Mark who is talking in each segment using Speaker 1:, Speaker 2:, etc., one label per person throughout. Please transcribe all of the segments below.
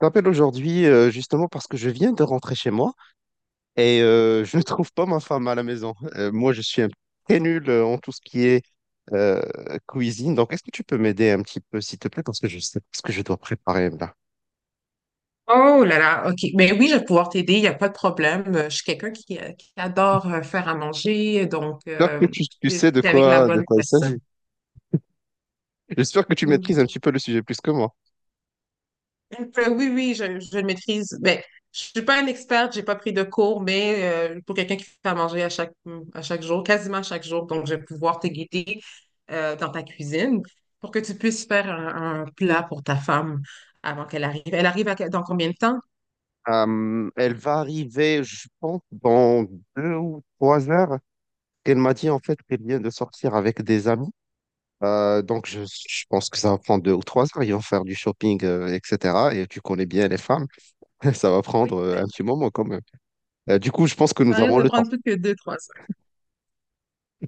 Speaker 1: T'appelle aujourd'hui, justement parce que je viens de rentrer chez moi et je ne trouve pas ma femme à la maison. Moi, je suis un très nul en tout ce qui est euh, cuisine. Donc, est-ce que tu peux m'aider un petit peu, s'il te plaît, parce que je sais pas ce que je dois préparer là.
Speaker 2: Oh là là, OK. Mais oui, je vais pouvoir t'aider, il n'y a pas de problème. Je suis quelqu'un. J'adore faire à manger, donc
Speaker 1: J'espère que tu
Speaker 2: j'étais
Speaker 1: sais de
Speaker 2: j'étais avec la
Speaker 1: quoi, de
Speaker 2: bonne
Speaker 1: quoi il
Speaker 2: personne.
Speaker 1: s'agit. J'espère que tu
Speaker 2: Mm.
Speaker 1: maîtrises un petit peu le sujet plus que moi.
Speaker 2: Donc, oui, oui, je le maîtrise. Ben, je suis pas une experte, j'ai pas pris de cours, mais pour quelqu'un qui fait à manger à chaque jour, quasiment à chaque jour, donc je vais pouvoir te guider dans ta cuisine pour que tu puisses faire un plat pour ta femme avant qu'elle arrive. Elle arrive dans combien de temps?
Speaker 1: Elle va arriver, je pense, dans 2 ou 3 heures. Elle m'a dit en fait qu'elle vient de sortir avec des amis. Donc je pense que ça va prendre 2 ou 3 heures. Ils vont faire du shopping, etc. Et tu connais bien les femmes. Ça va prendre
Speaker 2: Oui, ben,
Speaker 1: un petit moment quand même. Du coup, je pense que
Speaker 2: ça
Speaker 1: nous
Speaker 2: risque
Speaker 1: avons
Speaker 2: de
Speaker 1: le temps.
Speaker 2: prendre plus que deux, trois heures.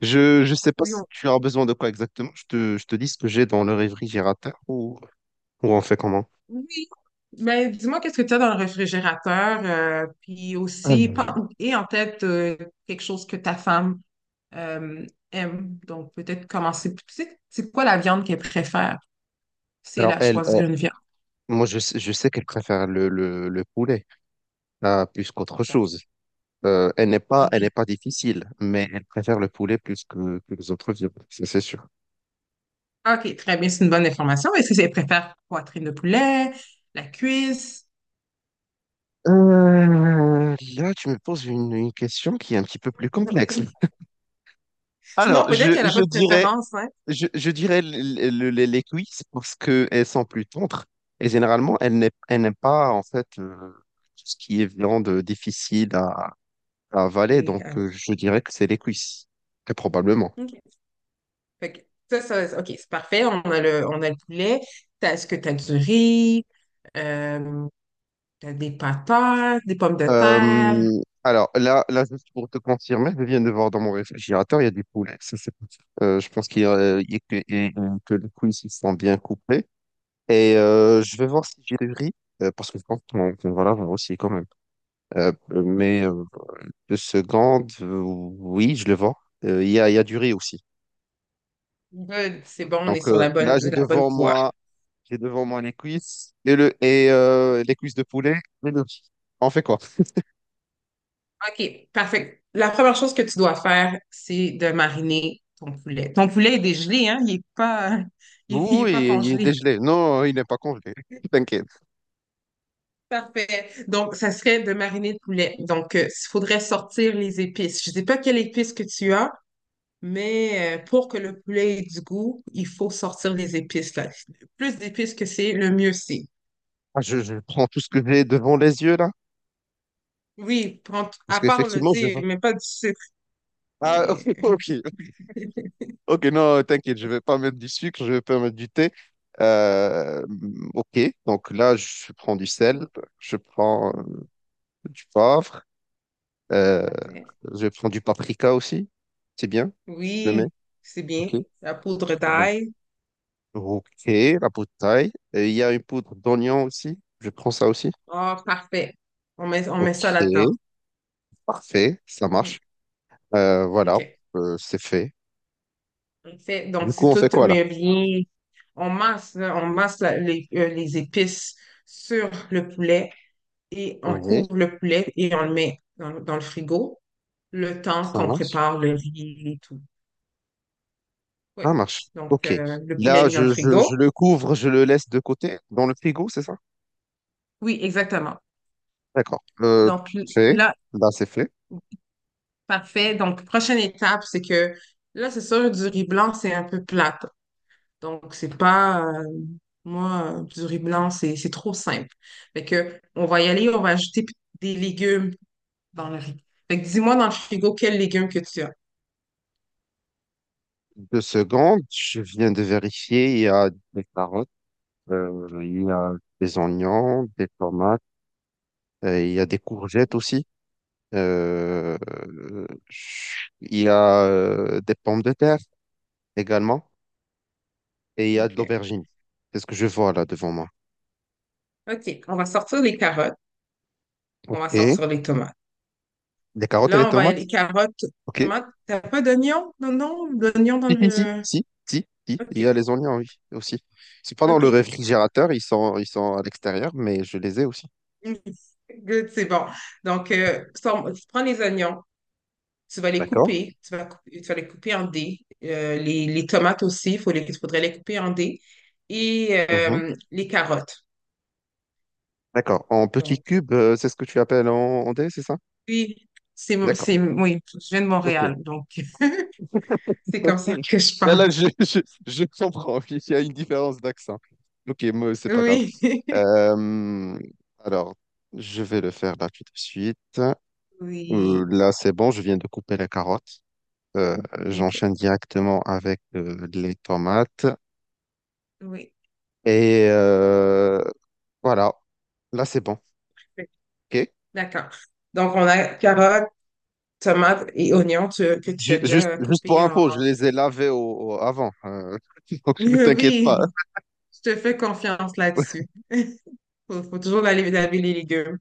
Speaker 1: Je sais pas
Speaker 2: Oui,
Speaker 1: si tu as besoin de quoi exactement. Je te dis ce que j'ai dans le réfrigérateur, ou on fait comment?
Speaker 2: oui. Mais dis-moi, qu'est-ce que tu as dans le réfrigérateur? Puis aussi, et en tête, quelque chose que ta femme euh, aime. Donc, peut-être commencer. Tu sais, c'est quoi la viande qu'elle préfère? Si elle
Speaker 1: Alors
Speaker 2: a choisi une viande.
Speaker 1: moi je sais qu'elle préfère le poulet, plus qu'autre chose. Elle n'est pas
Speaker 2: Ok.
Speaker 1: difficile, mais elle préfère le poulet plus que les autres viandes, ça c'est sûr.
Speaker 2: OK, très bien, c'est une bonne information. Est-ce qu'elle préfère poitrine de poulet, la cuisse?
Speaker 1: Là, tu me poses une question qui est un petit peu plus complexe.
Speaker 2: Sinon,
Speaker 1: Alors, je,
Speaker 2: peut-être qu'elle n'a
Speaker 1: je
Speaker 2: pas de
Speaker 1: dirais,
Speaker 2: préférence, hein?
Speaker 1: je, je dirais les cuisses parce qu'elles sont plus tendres et généralement, elles n'aiment pas en fait tout ce qui est viande difficile à avaler,
Speaker 2: Et,
Speaker 1: donc
Speaker 2: euh,
Speaker 1: je dirais que c'est les cuisses, très probablement.
Speaker 2: OK. Fait que ça, OK, c'est parfait. On a le poulet. Est-ce que tu as du riz? Euh, t'as des patates, des pommes de terre?
Speaker 1: Alors juste pour te confirmer, je viens de voir dans mon réfrigérateur, il y a du poulet. Ça, c'est pas ça. Je pense qu'il y a que, et, que les couilles ici sont bien coupées. Et je vais voir si j'ai du riz, parce que je pense qu'on va l'avoir aussi quand même. Mais 2 secondes, oui, je le vois. Il y a du riz aussi.
Speaker 2: Good, c'est bon, on est
Speaker 1: Donc
Speaker 2: sur la bonne,
Speaker 1: là, j'ai
Speaker 2: la bonne
Speaker 1: devant
Speaker 2: voie.
Speaker 1: moi, j'ai devant moi les cuisses et les cuisses de poulet et le riz. On fait quoi?
Speaker 2: OK, parfait. La première chose que tu dois faire, c'est de mariner ton poulet. Ton poulet est dégelé, hein? Il n'est pas, il est pas
Speaker 1: Oui, il est
Speaker 2: congelé.
Speaker 1: dégelé. Non, il n'est pas congelé. T'inquiète.
Speaker 2: Parfait. Donc, ça serait de mariner de poulet. Donc, il faudrait sortir les épices. Je ne sais pas quelles épices que tu as, mais pour que le poulet ait du goût, il faut sortir les épices. Là. Plus d'épices que c'est, le mieux c'est.
Speaker 1: Ah, je prends tout ce que j'ai devant les yeux là.
Speaker 2: Oui,
Speaker 1: Parce
Speaker 2: à part le
Speaker 1: qu'effectivement, je
Speaker 2: thé,
Speaker 1: vois.
Speaker 2: mais pas du sucre.
Speaker 1: Ah,
Speaker 2: Mais
Speaker 1: ok. Ok, non, t'inquiète, je vais pas mettre du sucre, je vais pas mettre du thé. Euh, ok, donc là, je prends du sel, je prends du poivre, euh,
Speaker 2: Parfait.
Speaker 1: je prends du paprika aussi. C'est bien, je le mets.
Speaker 2: Oui, c'est bien.
Speaker 1: Ok.
Speaker 2: La poudre
Speaker 1: Euh,
Speaker 2: d'ail.
Speaker 1: ok, la poudre taille. Et il y a une poudre d'oignon aussi. Je prends ça aussi.
Speaker 2: Ah, parfait. On met ça là-dedans.
Speaker 1: Ok, parfait, ça
Speaker 2: Mhm.
Speaker 1: marche. Voilà,
Speaker 2: OK.
Speaker 1: c'est fait.
Speaker 2: En fait, donc
Speaker 1: Du coup,
Speaker 2: c'est
Speaker 1: on
Speaker 2: tout
Speaker 1: fait quoi là?
Speaker 2: mais bien. On masse les épices sur le poulet et on
Speaker 1: Oui.
Speaker 2: couvre le poulet et on le met dans le frigo le temps
Speaker 1: Ça
Speaker 2: qu'on
Speaker 1: marche?
Speaker 2: prépare le riz et tout. Oui.
Speaker 1: Ça marche.
Speaker 2: Donc,
Speaker 1: Ok.
Speaker 2: le poulet est
Speaker 1: Là,
Speaker 2: mis
Speaker 1: je,
Speaker 2: dans le
Speaker 1: je, je
Speaker 2: frigo.
Speaker 1: le couvre, je le laisse de côté dans le frigo, c'est ça?
Speaker 2: Oui, exactement.
Speaker 1: D'accord.
Speaker 2: Donc,
Speaker 1: Fait.
Speaker 2: là,
Speaker 1: Là, c'est fait.
Speaker 2: parfait. Donc, prochaine étape, c'est que là, c'est sûr, du riz blanc, c'est un peu plate. Donc, c'est pas, moi, du riz blanc, c'est trop simple. Fait que, on va y aller, on va ajouter des légumes dans le riz. Fait que, dis-moi dans le frigo, quels légumes que tu as.
Speaker 1: 2 secondes. Je viens de vérifier. Il y a des carottes, il y a des oignons, des tomates, il y a des courgettes
Speaker 2: Mhm.
Speaker 1: aussi. Euh, il y a des pommes de terre également. Et il y a de
Speaker 2: OK.
Speaker 1: l'aubergine. C'est ce que je vois là devant moi.
Speaker 2: OK. On va sortir les carottes, on va
Speaker 1: Ok.
Speaker 2: sortir les tomates.
Speaker 1: Des carottes et les
Speaker 2: Là, on va y aller
Speaker 1: tomates?
Speaker 2: carottes,
Speaker 1: Ok.
Speaker 2: tomates. T'as pas d'oignon? Non, non, d'oignon dans
Speaker 1: Si, si,
Speaker 2: le...
Speaker 1: si, si, si, si, il y
Speaker 2: OK,
Speaker 1: a les oignons, oui, aussi. C'est pas dans le
Speaker 2: OK.
Speaker 1: réfrigérateur, ils sont à l'extérieur, mais je les ai aussi.
Speaker 2: Good, c'est bon. Donc, tu prends les oignons,
Speaker 1: D'accord.
Speaker 2: tu vas les couper en dés. Les tomates aussi, il faudrait les couper en dés. Et
Speaker 1: Mhm.
Speaker 2: les carottes.
Speaker 1: D'accord. En petit
Speaker 2: Donc,
Speaker 1: cube, c'est ce que tu appelles en dé, c'est ça?
Speaker 2: oui,
Speaker 1: D'accord.
Speaker 2: oui, je viens de
Speaker 1: Ok.
Speaker 2: Montréal, donc c'est
Speaker 1: Ok.
Speaker 2: comme ça que je
Speaker 1: Ben
Speaker 2: parle.
Speaker 1: là, je comprends. Il y a une différence d'accent. Ok, moi, c'est pas grave.
Speaker 2: Oui,
Speaker 1: Euh, alors, je vais le faire là tout de suite.
Speaker 2: oui,
Speaker 1: Là, c'est bon, je viens de couper la carotte. Euh,
Speaker 2: OK,
Speaker 1: J'enchaîne directement avec les tomates.
Speaker 2: oui.
Speaker 1: Et voilà, là c'est bon. Ok.
Speaker 2: D'accord. Donc, on a carottes, tomates et oignons que tu as
Speaker 1: Ju- juste,
Speaker 2: déjà
Speaker 1: juste pour
Speaker 2: coupés en...
Speaker 1: info, je les ai lavés avant. Donc ne t'inquiète pas, hein,
Speaker 2: Oui, je te fais confiance là-dessus. Faut toujours aller laver les légumes.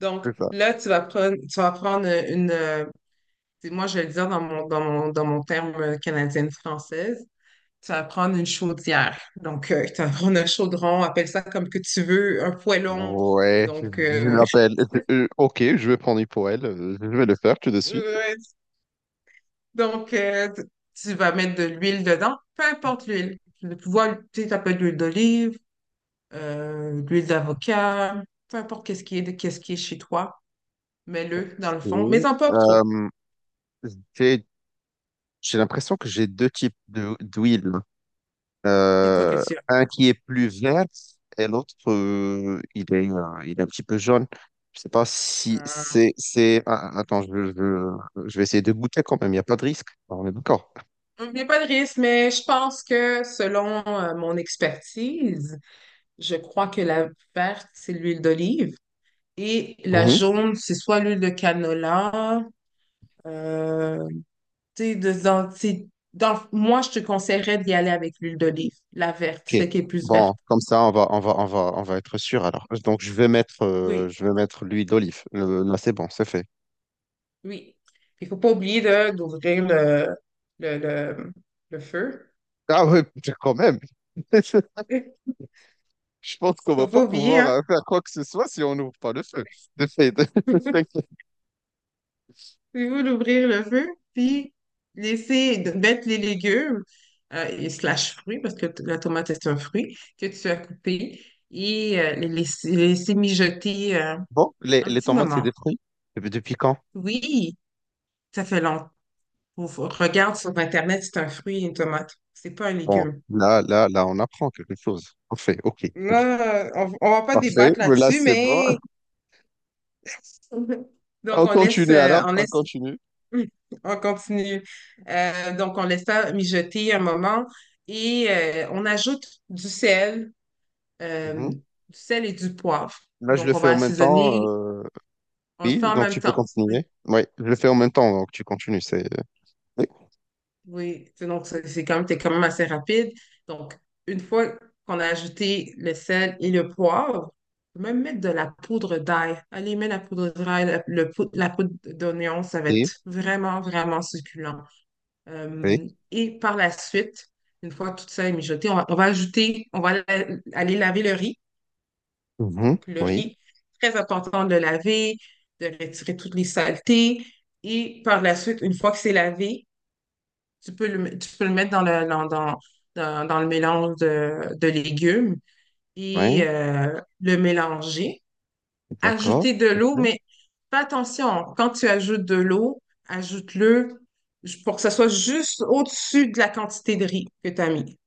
Speaker 2: Donc,
Speaker 1: c'est ça.
Speaker 2: là, tu vas prendre une... euh, Moi, je vais le dire dans mon terme canadienne-française. Tu vas prendre une chaudière. Donc, tu vas prendre un chaudron, appelle ça comme que tu veux, un poêlon.
Speaker 1: Ouais, je
Speaker 2: Donc,
Speaker 1: je l'appelle. Ok, je vais prendre pour elle. Je vais le faire tout de suite.
Speaker 2: ouais, donc tu vas mettre de l'huile dedans, peu importe l'huile. Tu sais, ça peut être de l'huile d'olive, l'huile d'avocat, peu importe qu'est-ce qui est chez toi, mets-le dans le
Speaker 1: Et,
Speaker 2: fond, mais en pas trop.
Speaker 1: euh, j'ai j'ai l'impression que j'ai deux types d'huile.
Speaker 2: C'est quoi que
Speaker 1: Euh,
Speaker 2: tu as?
Speaker 1: un qui est plus vert et l'autre, il est un petit peu jaune. Je sais pas si
Speaker 2: Euh,
Speaker 1: attends, je vais essayer de goûter quand même. Il n'y a pas de risque. Ah, on est d'accord.
Speaker 2: Il n'y a pas de risque, mais je pense que selon mon expertise, je crois que la verte, c'est l'huile d'olive et la
Speaker 1: Mhm.
Speaker 2: jaune, c'est soit l'huile de canola. Euh, tu sais, moi, je te conseillerais d'y aller avec l'huile d'olive, la verte,
Speaker 1: Ok.
Speaker 2: celle qui est plus
Speaker 1: Bon,
Speaker 2: verte.
Speaker 1: comme ça, on va être sûr. Alors, donc, je vais mettre, euh,
Speaker 2: Oui.
Speaker 1: je vais mettre l'huile d'olive. Là, c'est bon, c'est fait.
Speaker 2: Oui. Il faut pas oublier d'ouvrir le, le, le feu.
Speaker 1: Ah oui, quand même. Je pense qu'on
Speaker 2: Faut
Speaker 1: va pas
Speaker 2: pas oublier,
Speaker 1: pouvoir
Speaker 2: hein?
Speaker 1: faire quoi que ce soit si on n'ouvre pas le feu. C'est fait.
Speaker 2: Il faut d'ouvrir le feu, puis de mettre les légumes et slash fruits, parce que la tomate est un fruit que tu as coupé, et les laisser mijoter
Speaker 1: Bon, les,
Speaker 2: un
Speaker 1: les
Speaker 2: petit
Speaker 1: tomates, c'est
Speaker 2: moment.
Speaker 1: des fruits. Depuis quand?
Speaker 2: Oui, ça fait longtemps. Regarde sur Internet, c'est un fruit, une tomate. C'est pas un
Speaker 1: Bon,
Speaker 2: légume.
Speaker 1: on apprend quelque chose. Parfait, ok, très bien.
Speaker 2: Là, on va pas
Speaker 1: Parfait,
Speaker 2: débattre
Speaker 1: mais là,
Speaker 2: là-dessus,
Speaker 1: c'est bon.
Speaker 2: mais Mhm. Donc,
Speaker 1: On continue alors, on continue.
Speaker 2: on continue. Donc, on laisse ça mijoter un moment et on ajoute du sel, euh,
Speaker 1: Mhm.
Speaker 2: du sel et du poivre.
Speaker 1: Là, je le
Speaker 2: Donc, on
Speaker 1: fais
Speaker 2: va
Speaker 1: en même temps.
Speaker 2: assaisonner, on le fait
Speaker 1: Oui,
Speaker 2: en
Speaker 1: donc
Speaker 2: même
Speaker 1: tu peux
Speaker 2: temps. Oui,
Speaker 1: continuer. Oui, je le fais en même temps, donc tu continues. Oui,
Speaker 2: oui. Donc c'est quand même assez rapide. Donc, une fois qu'on a ajouté le sel et le poivre, on peut même mettre de la poudre d'ail. Allez, mets la poudre d'ail, la poudre d'oignon, ça va
Speaker 1: oui,
Speaker 2: être vraiment, vraiment succulent.
Speaker 1: oui.
Speaker 2: Et par la suite, une fois tout ça est mijoté, on va aller laver le riz.
Speaker 1: Mhm.
Speaker 2: Donc, le
Speaker 1: Oui,
Speaker 2: riz, très important de le laver, de retirer toutes les saletés. Et par la suite, une fois que c'est lavé, tu peux le mettre dans le, dans, dans, dans- dans le mélange de légumes et
Speaker 1: oui,
Speaker 2: le mélanger
Speaker 1: d'accord.
Speaker 2: ajouter de
Speaker 1: C'est
Speaker 2: l'eau,
Speaker 1: fait.
Speaker 2: mais fais attention, quand tu ajoutes de l'eau, ajoute-le pour que ça soit juste au-dessus de la quantité de riz que tu as mis.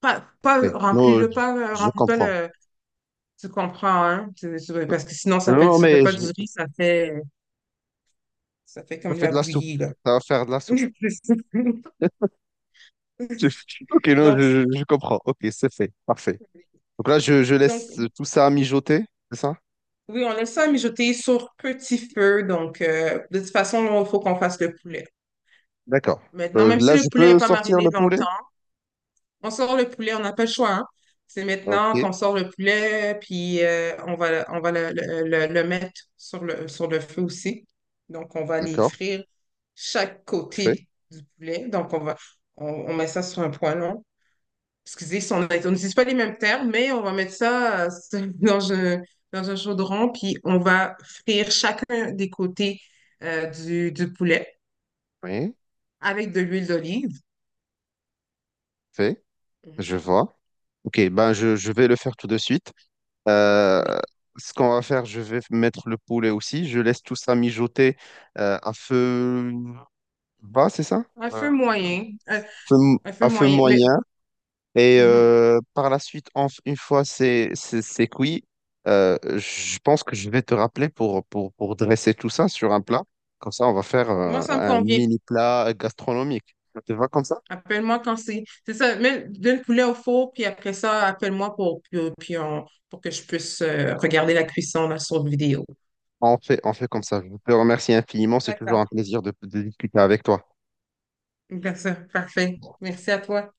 Speaker 2: Pas
Speaker 1: Oui. Non,
Speaker 2: remplis-le,
Speaker 1: je,
Speaker 2: pas,
Speaker 1: je
Speaker 2: remplis pas
Speaker 1: comprends.
Speaker 2: le. Tu comprends, hein? Parce que sinon, ça fait,
Speaker 1: Non,
Speaker 2: ça fait,
Speaker 1: mais
Speaker 2: pas
Speaker 1: je,
Speaker 2: du riz, ça fait
Speaker 1: je
Speaker 2: comme de
Speaker 1: fais
Speaker 2: la
Speaker 1: de la soupe.
Speaker 2: bouillie, là.
Speaker 1: Ça va faire de la soupe. Ok, non, je,
Speaker 2: Donc,
Speaker 1: je- je comprends. Ok, c'est fait. Parfait. Donc là, je
Speaker 2: donc,
Speaker 1: laisse tout ça mijoter, c'est ça?
Speaker 2: oui, on laisse ça mijoter sur petit feu. Donc, de toute façon, il faut qu'on fasse le poulet.
Speaker 1: D'accord.
Speaker 2: Maintenant, même si
Speaker 1: Là, je
Speaker 2: le poulet
Speaker 1: peux
Speaker 2: n'est pas
Speaker 1: sortir
Speaker 2: mariné
Speaker 1: le poulet?
Speaker 2: longtemps, on sort le poulet, on n'a pas le choix, hein. C'est
Speaker 1: Ah,
Speaker 2: maintenant
Speaker 1: ok,
Speaker 2: qu'on sort le poulet, puis on va le mettre sur le feu aussi. Donc, on va les
Speaker 1: d'accord.
Speaker 2: frire chaque
Speaker 1: Fait.
Speaker 2: côté du poulet. Donc, on met ça sur un poêlon. Excusez, si on n'utilise pas les mêmes termes, mais on va mettre ça dans un chaudron, puis on va frire chacun des côtés du poulet
Speaker 1: Oui,
Speaker 2: avec de l'huile d'olive.
Speaker 1: fait.
Speaker 2: Mhm.
Speaker 1: Je vois. Ok, ben je vais le faire tout de suite. Euh,
Speaker 2: Oui.
Speaker 1: Ce qu'on va faire, je vais mettre le poulet aussi. Je laisse tout ça mijoter à feu bas, c'est ça?
Speaker 2: Un feu moyen. Un- un feu
Speaker 1: À feu
Speaker 2: moyen.
Speaker 1: moyen. Et
Speaker 2: Mhm.
Speaker 1: par la suite, une fois c'est cuit, je pense que je vais te rappeler pour dresser tout ça sur un plat. Comme ça, on va faire
Speaker 2: Moi, ça me
Speaker 1: un
Speaker 2: convient.
Speaker 1: mini plat gastronomique. Ça te va comme ça?
Speaker 2: Appelle-moi quand c'est. C'est ça, donne le poulet au four, puis après ça, appelle-moi pour que je puisse regarder la cuisson là, sur vidéo.
Speaker 1: On fait comme ça. Je te remercie infiniment. C'est toujours
Speaker 2: D'accord.
Speaker 1: un plaisir de discuter avec toi.
Speaker 2: D'accord, parfait. Merci à toi.